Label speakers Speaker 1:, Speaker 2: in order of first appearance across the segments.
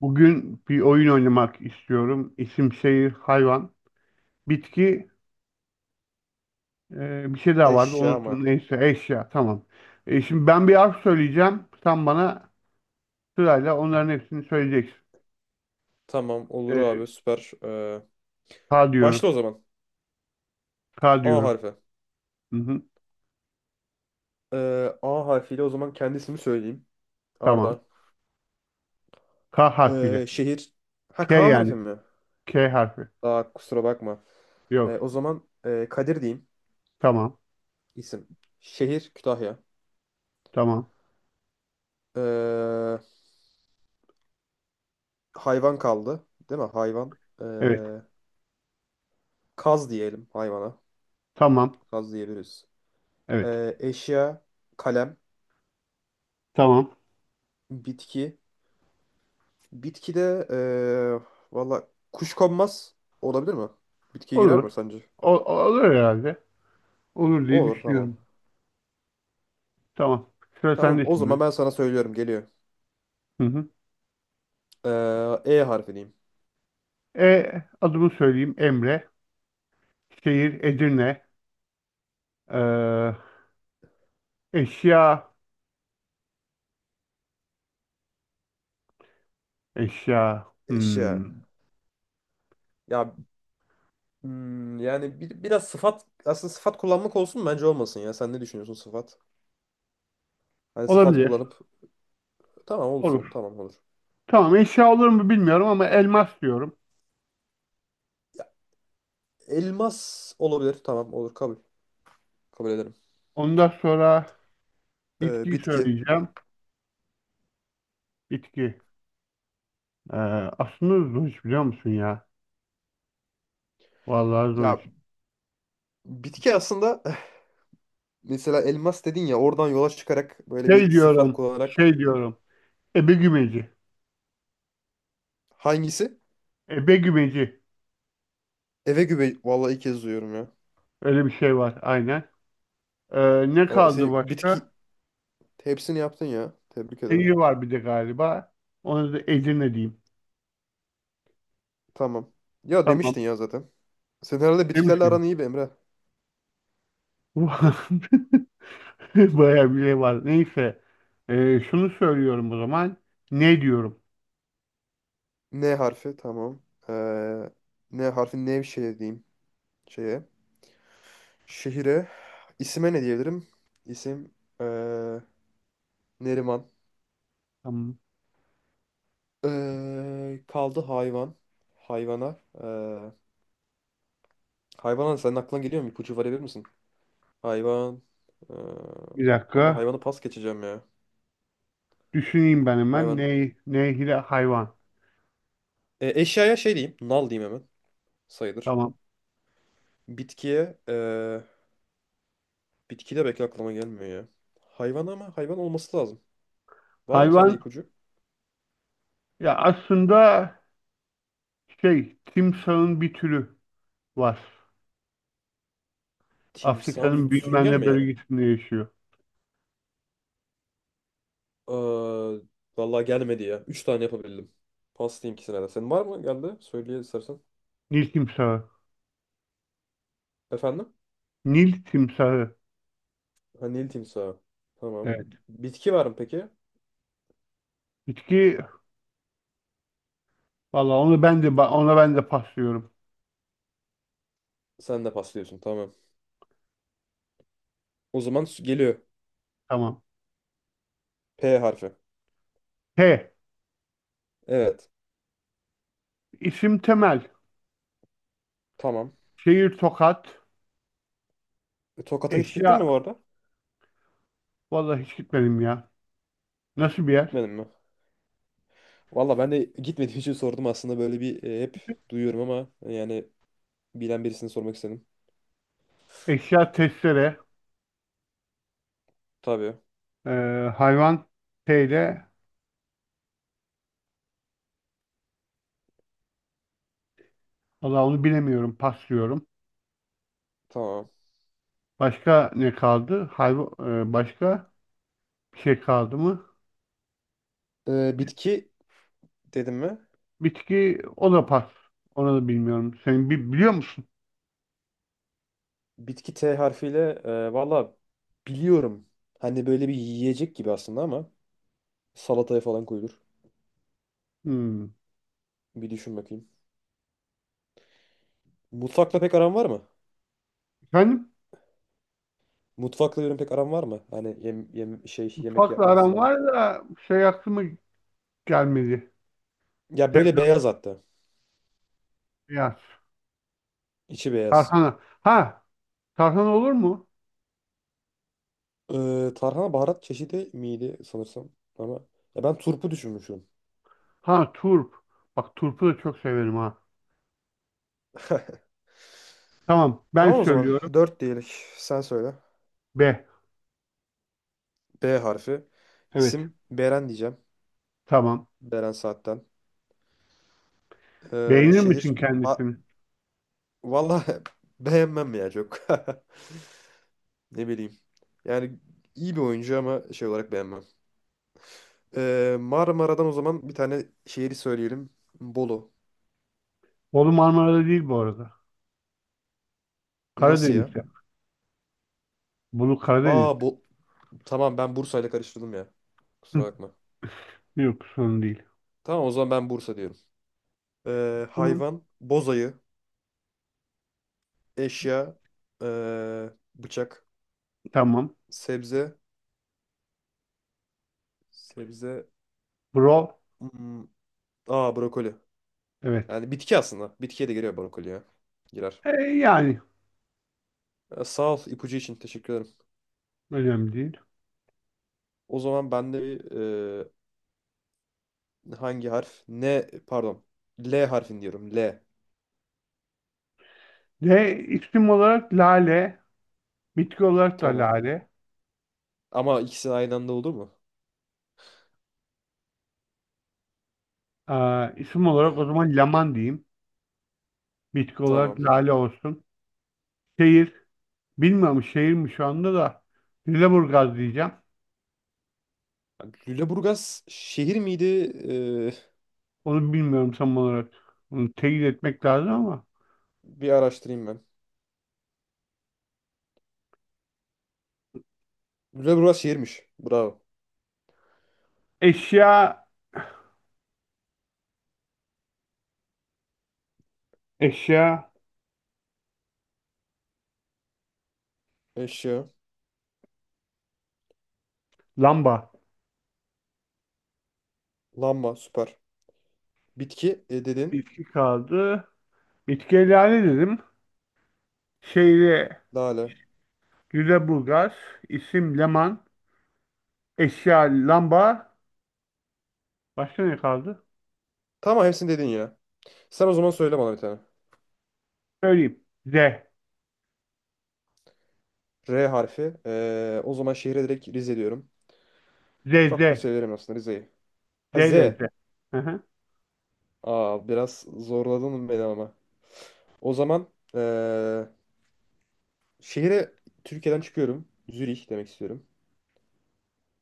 Speaker 1: Bugün bir oyun oynamak istiyorum. İsim, şehir, hayvan, bitki, bir şey daha vardı.
Speaker 2: Eşya
Speaker 1: Unuttum.
Speaker 2: mı?
Speaker 1: Neyse eşya. Tamam. Şimdi ben bir harf söyleyeceğim. Sen bana sırayla onların hepsini söyleyeceksin.
Speaker 2: Tamam olur
Speaker 1: E,
Speaker 2: abi süper.
Speaker 1: K diyorum.
Speaker 2: Başla o zaman.
Speaker 1: K
Speaker 2: A
Speaker 1: diyorum.
Speaker 2: harfi.
Speaker 1: Hı hı.
Speaker 2: A harfiyle o zaman kendisini söyleyeyim.
Speaker 1: Tamam.
Speaker 2: Arda.
Speaker 1: K harfiyle.
Speaker 2: Şehir. Ha
Speaker 1: K
Speaker 2: K
Speaker 1: yani.
Speaker 2: harfi mi?
Speaker 1: K harfi.
Speaker 2: Aa kusura bakma.
Speaker 1: Yok.
Speaker 2: O zaman Kadir diyeyim.
Speaker 1: Tamam.
Speaker 2: İsim. Şehir Kütahya.
Speaker 1: Tamam.
Speaker 2: Ee, Hayvan kaldı. Değil mi? Hayvan. Ee,
Speaker 1: Evet.
Speaker 2: Kaz diyelim hayvana.
Speaker 1: Tamam.
Speaker 2: Kaz diyebiliriz.
Speaker 1: Evet.
Speaker 2: Eşya. Kalem.
Speaker 1: Tamam.
Speaker 2: Bitki. Bitkide valla kuşkonmaz olabilir mi? Bitkiye girer
Speaker 1: Olur.
Speaker 2: mi sence?
Speaker 1: Olur herhalde. Olur diye
Speaker 2: Olur, tamam.
Speaker 1: düşünüyorum. Tamam. Sıra
Speaker 2: Tamam,
Speaker 1: sende
Speaker 2: o zaman
Speaker 1: şimdi.
Speaker 2: ben sana söylüyorum geliyor.
Speaker 1: Hı hı.
Speaker 2: E harfi diyeyim.
Speaker 1: E, Adımı söyleyeyim Emre. Şehir Edirne. Ee, Eşya. Eşya. Hmm.
Speaker 2: Eşya. Ya, yani biraz sıfat, aslında sıfat kullanmak olsun mu? Bence olmasın ya. Sen ne düşünüyorsun sıfat? Hani sıfat
Speaker 1: Olabilir.
Speaker 2: kullanıp tamam olsun,
Speaker 1: Olur.
Speaker 2: tamam olur.
Speaker 1: Tamam, eşya olur mu bilmiyorum ama elmas diyorum.
Speaker 2: Ya, elmas olabilir, tamam olur, kabul. Kabul ederim.
Speaker 1: Ondan sonra bitkiyi
Speaker 2: Bitki.
Speaker 1: söyleyeceğim. Bitki. Ee, Aslında zor iş biliyor musun ya? Vallahi zor
Speaker 2: Ya,
Speaker 1: iş.
Speaker 2: bitki aslında Mesela elmas dedin ya, oradan yola çıkarak böyle bir sıfat kullanarak.
Speaker 1: Şey diyorum. Ebegümeci.
Speaker 2: Hangisi?
Speaker 1: Ebegümeci.
Speaker 2: Eve güve. Vallahi ilk kez duyuyorum ya.
Speaker 1: Öyle bir şey var aynen. Ne
Speaker 2: Vallahi
Speaker 1: kaldı
Speaker 2: sen bitki
Speaker 1: başka?
Speaker 2: hepsini yaptın ya. Tebrik
Speaker 1: Şehir
Speaker 2: ederim.
Speaker 1: var bir de galiba. Onu da Edirne diyeyim.
Speaker 2: Tamam. Ya,
Speaker 1: Tamam.
Speaker 2: demiştin ya zaten. Senin herhalde
Speaker 1: Demiş
Speaker 2: bitkilerle
Speaker 1: miyim?
Speaker 2: aran iyi be Emre.
Speaker 1: Bayağı bir şey var. Neyse. Şunu söylüyorum o zaman. Ne diyorum?
Speaker 2: N harfi tamam. Ee, N harfi Nevşehir diyeyim şeye. Şehire. İsime ne diyebilirim? İsim, ee, Neriman.
Speaker 1: Tamam.
Speaker 2: Kaldı hayvan. Hayvana. Hayvana senin aklına geliyor mu? İpucu verebilir misin? Hayvan. Ee,
Speaker 1: Bir
Speaker 2: Vallahi
Speaker 1: dakika.
Speaker 2: hayvanı pas geçeceğim ya.
Speaker 1: Düşüneyim ben hemen.
Speaker 2: Hayvan.
Speaker 1: Nehire hayvan.
Speaker 2: E, eşyaya şey diyeyim. Nal diyeyim hemen. Sayılır.
Speaker 1: Tamam.
Speaker 2: Bitkiye bitki de belki aklıma gelmiyor ya. Hayvan, ama hayvan olması lazım. Var mı sende
Speaker 1: Hayvan,
Speaker 2: ipucu?
Speaker 1: ya aslında şey timsahın bir türü var.
Speaker 2: Timsah
Speaker 1: Afrika'nın
Speaker 2: bir
Speaker 1: bilmem
Speaker 2: sürüngen
Speaker 1: ne
Speaker 2: mi yani?
Speaker 1: bölgesinde yaşıyor.
Speaker 2: Ee, Vallahi gelmedi ya. Üç tane yapabildim. Pas diyeyim ikisine de. Senin var mı, geldi? Söyle istersen.
Speaker 1: Nil timsahı.
Speaker 2: Efendim?
Speaker 1: Nil timsahı.
Speaker 2: Ha, Nil timsahı. Tamam.
Speaker 1: Evet.
Speaker 2: Bitki var mı peki?
Speaker 1: Bitki, valla onu ben de paslıyorum.
Speaker 2: Sen de pas diyorsun. Tamam. O zaman geliyor.
Speaker 1: Tamam.
Speaker 2: P harfi.
Speaker 1: T.
Speaker 2: Evet.
Speaker 1: İsim Temel.
Speaker 2: Tamam.
Speaker 1: Şehir Tokat.
Speaker 2: E, Tokat'a hiç gittin
Speaker 1: Eşya,
Speaker 2: mi bu arada?
Speaker 1: vallahi hiç gitmedim ya. Nasıl bir yer?
Speaker 2: Gitmedin mi? Valla ben de gitmediğim için sordum aslında, böyle bir hep duyuyorum ama yani bilen birisini sormak istedim.
Speaker 1: Eşya testere,
Speaker 2: Tabii.
Speaker 1: e, hayvan şeyle, valla onu bilemiyorum, paslıyorum.
Speaker 2: Tamam.
Speaker 1: Başka ne kaldı? Hayvan, başka bir şey kaldı mı?
Speaker 2: Bitki dedim mi?
Speaker 1: Bitki, o da pas. Onu da bilmiyorum. Sen biliyor musun?
Speaker 2: Bitki T harfiyle, valla biliyorum. Hani böyle bir yiyecek gibi aslında ama salataya falan koyulur.
Speaker 1: Hmm.
Speaker 2: Bir düşün bakayım. Mutfakla pek aran var mı?
Speaker 1: Efendim?
Speaker 2: Mutfakla yorum pek aran var mı? Hani şey, yemek
Speaker 1: Mutfakla
Speaker 2: yapma,
Speaker 1: aram
Speaker 2: hazırlama.
Speaker 1: var da şey aklıma gelmedi.
Speaker 2: Ya, böyle
Speaker 1: Sebze
Speaker 2: beyaz hatta.
Speaker 1: beyaz.
Speaker 2: İçi beyaz.
Speaker 1: Tarhana. Ha, tarhana olur mu?
Speaker 2: Tarhana baharat çeşidi miydi sanırsam, ama ya ben turpu düşünmüşüm.
Speaker 1: Ha, turp. Bak turpu da çok severim ha. Tamam, ben
Speaker 2: Tamam o zaman.
Speaker 1: söylüyorum.
Speaker 2: Dört diyelim. Sen söyle.
Speaker 1: B.
Speaker 2: B harfi.
Speaker 1: Evet.
Speaker 2: İsim Beren diyeceğim.
Speaker 1: Tamam.
Speaker 2: Beren Saat'ten.
Speaker 1: Beğenir misin
Speaker 2: Şehir. Ma-
Speaker 1: kendisini?
Speaker 2: Vallahi beğenmem ya çok. Ne bileyim. Yani iyi bir oyuncu ama şey olarak beğenmem. Marmara'dan o zaman bir tane şehri söyleyelim. Bolu.
Speaker 1: Bolu Marmara'da değil bu arada.
Speaker 2: Nasıl ya?
Speaker 1: Karadeniz'de. Bolu
Speaker 2: Aa,
Speaker 1: Karadeniz'de.
Speaker 2: bu, tamam, ben Bursa'yla karıştırdım ya. Kusura
Speaker 1: Hı,
Speaker 2: bakma.
Speaker 1: yok sorun değil.
Speaker 2: Tamam o zaman ben Bursa diyorum.
Speaker 1: Tamam.
Speaker 2: Hayvan, bozayı, eşya, bıçak,
Speaker 1: Tamam.
Speaker 2: sebze. Sebze.
Speaker 1: Bro.
Speaker 2: Hmm. Aa, brokoli.
Speaker 1: Evet.
Speaker 2: Yani bitki aslında. Bitkiye de giriyor brokoli ya. Girer.
Speaker 1: Yani
Speaker 2: Sağ ol, ipucu için teşekkür ederim.
Speaker 1: önemli değil.
Speaker 2: O zaman ben de bir hangi harf? Ne, pardon. L harfini diyorum. L.
Speaker 1: D. isim olarak lale. Bitki olarak da
Speaker 2: Tamam.
Speaker 1: lale.
Speaker 2: Ama ikisi aynı anda olur mu?
Speaker 1: Aa, isim olarak o zaman laman diyeyim. Bitki olarak
Speaker 2: Tamam.
Speaker 1: lale olsun. Şehir. Bilmiyorum şehir mi şu anda da. Lüleburgaz diyeceğim.
Speaker 2: Lüleburgaz şehir miydi? Ee,
Speaker 1: Onu bilmiyorum tam olarak. Onu teyit etmek lazım ama.
Speaker 2: Bir araştırayım ben. Lüleburgaz şehirmiş. Bravo.
Speaker 1: Eşya Eşya,
Speaker 2: Eşya.
Speaker 1: lamba,
Speaker 2: Lamba. Süper. Bitki, dedin.
Speaker 1: bitki kaldı. Bitkileri dedim. Şehri
Speaker 2: Lale.
Speaker 1: Lüleburgaz, isim Leman, eşya lamba. Başka ne kaldı?
Speaker 2: Tamam, hepsini dedin ya. Sen o zaman söyle bana bir tane.
Speaker 1: Söyleyeyim.
Speaker 2: R harfi. O zaman şehre direkt Rize diyorum.
Speaker 1: Z,
Speaker 2: Çok da
Speaker 1: Z,
Speaker 2: severim aslında Rize'yi.
Speaker 1: Z
Speaker 2: Ha, Z.
Speaker 1: ile Z. Hı hı.
Speaker 2: Aa, biraz zorladın beni ama. O zaman ee, şehre Türkiye'den çıkıyorum. Zürih demek istiyorum.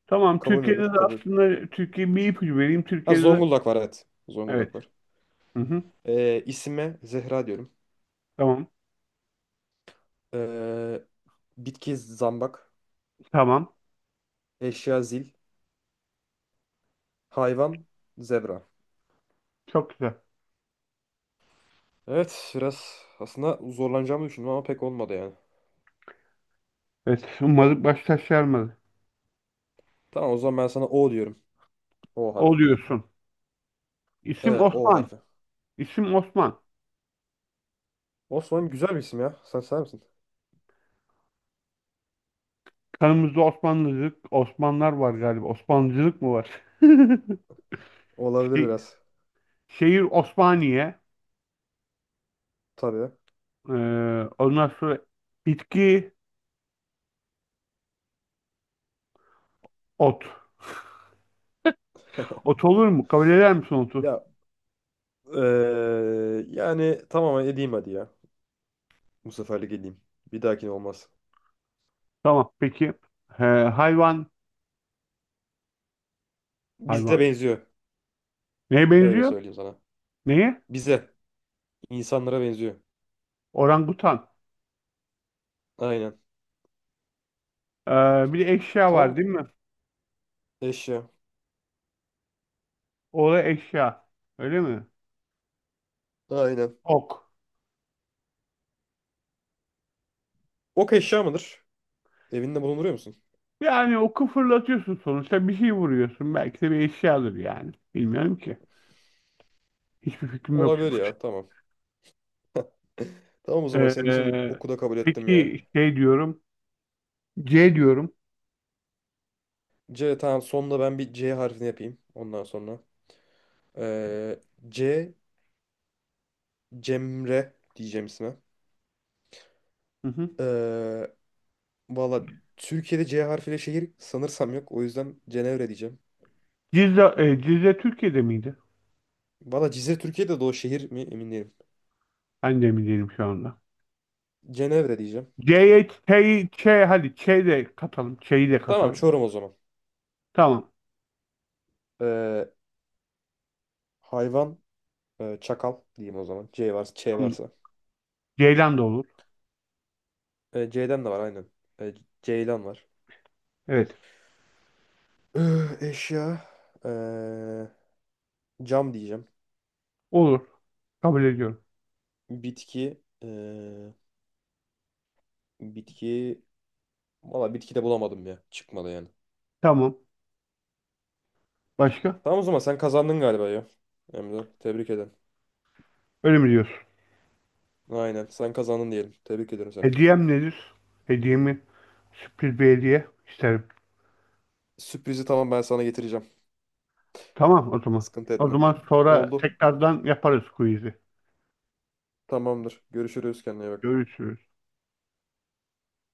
Speaker 1: Tamam,
Speaker 2: Kabul
Speaker 1: Türkiye'de
Speaker 2: müdür?
Speaker 1: de,
Speaker 2: Kabul.
Speaker 1: aslında Türkiye bir ipucu vereyim.
Speaker 2: Ha,
Speaker 1: Türkiye'de de
Speaker 2: Zonguldak var, evet.
Speaker 1: evet.
Speaker 2: Zonguldak var.
Speaker 1: Hı hı.
Speaker 2: İsime Zehra diyorum.
Speaker 1: Tamam,
Speaker 2: Ee, Bitki zambak.
Speaker 1: tamam.
Speaker 2: Eşya zil. Hayvan zebra.
Speaker 1: Çok güzel.
Speaker 2: Evet, biraz aslında zorlanacağımı düşündüm ama pek olmadı yani.
Speaker 1: Evet, umarım baş taşlarmadı.
Speaker 2: Tamam o zaman ben sana O diyorum. O harfi.
Speaker 1: Oluyorsun. İsim
Speaker 2: Evet, O
Speaker 1: Osman.
Speaker 2: harfi.
Speaker 1: İsim Osman.
Speaker 2: Osman güzel bir isim ya. Sen sever misin?
Speaker 1: Kanımızda Osmanlıcılık, Osmanlar var galiba. Osmanlıcılık mı var?
Speaker 2: Olabilir
Speaker 1: Şey-
Speaker 2: biraz.
Speaker 1: Şehir Osmaniye.
Speaker 2: Tabii.
Speaker 1: Ee, Ondan sonra bitki ot. Ot olur mu? Kabul eder misin otu?
Speaker 2: Ya, yani tamam, edeyim hadi ya. Bu seferlik edeyim. Bir dahakine olmaz.
Speaker 1: Tamam peki. Hayvan.
Speaker 2: Bize
Speaker 1: Hayvan.
Speaker 2: benziyor.
Speaker 1: Neye
Speaker 2: Öyle
Speaker 1: benziyor?
Speaker 2: söyleyeyim sana.
Speaker 1: Neye?
Speaker 2: Bize. İnsanlara benziyor.
Speaker 1: Orangutan.
Speaker 2: Aynen.
Speaker 1: Ee, Bir de eşya var
Speaker 2: Tamam.
Speaker 1: değil mi?
Speaker 2: Eşya.
Speaker 1: O da eşya. Öyle mi?
Speaker 2: Aynen.
Speaker 1: Ok.
Speaker 2: Ok eşya mıdır? Evinde bulunduruyor musun?
Speaker 1: Yani oku fırlatıyorsun, sonuçta bir şey vuruyorsun. Belki de bir eşyadır yani. Bilmiyorum ki. Hiçbir fikrim yok.
Speaker 2: Olabilir ya. Tamam. Tamam o zaman, senin için
Speaker 1: Ee,
Speaker 2: oku da kabul ettim ya.
Speaker 1: peki şey diyorum. C diyorum.
Speaker 2: C, tamam, sonunda ben bir C harfini yapayım. Ondan sonra. Eee, C Cemre diyeceğim isme.
Speaker 1: Hı hı.
Speaker 2: Eee, Valla Türkiye'de C harfiyle şehir sanırsam yok. O yüzden Cenevre diyeceğim.
Speaker 1: Cizre, Cizre Türkiye'de miydi?
Speaker 2: Valla Cizre Türkiye'de de, o şehir mi emin değilim.
Speaker 1: Ben de mi değilim şu anda.
Speaker 2: Cenevre diyeceğim.
Speaker 1: C'ye Ç'yi, Ç hadi Ç'yi de katalım. Ç'yi de
Speaker 2: Tamam,
Speaker 1: katalım.
Speaker 2: Çorum o zaman.
Speaker 1: Tamam.
Speaker 2: Ee, Hayvan, çakal diyeyim o zaman. C varsa, Ç
Speaker 1: Tamam.
Speaker 2: varsa.
Speaker 1: Ceylan da olur.
Speaker 2: C'den de var aynen. Ee, Ceylan var.
Speaker 1: Evet.
Speaker 2: Eşya, ee, cam diyeceğim.
Speaker 1: Olur. Kabul ediyorum.
Speaker 2: Bitki, bitki valla bitki de bulamadım ya. Çıkmadı yani.
Speaker 1: Tamam. Başka?
Speaker 2: Tamam o zaman sen kazandın galiba ya. Emre, tebrik ederim.
Speaker 1: Öyle mi diyorsun?
Speaker 2: Aynen, sen kazandın diyelim. Tebrik ederim seni.
Speaker 1: Hediyem nedir? Hediyemi sürpriz bir hediye isterim.
Speaker 2: Sürprizi tamam, ben sana getireceğim.
Speaker 1: Tamam o zaman.
Speaker 2: Sıkıntı
Speaker 1: O
Speaker 2: etme.
Speaker 1: zaman sonra
Speaker 2: Oldu.
Speaker 1: tekrardan yaparız quiz'i.
Speaker 2: Tamamdır. Görüşürüz. Kendine iyi bak.
Speaker 1: Görüşürüz.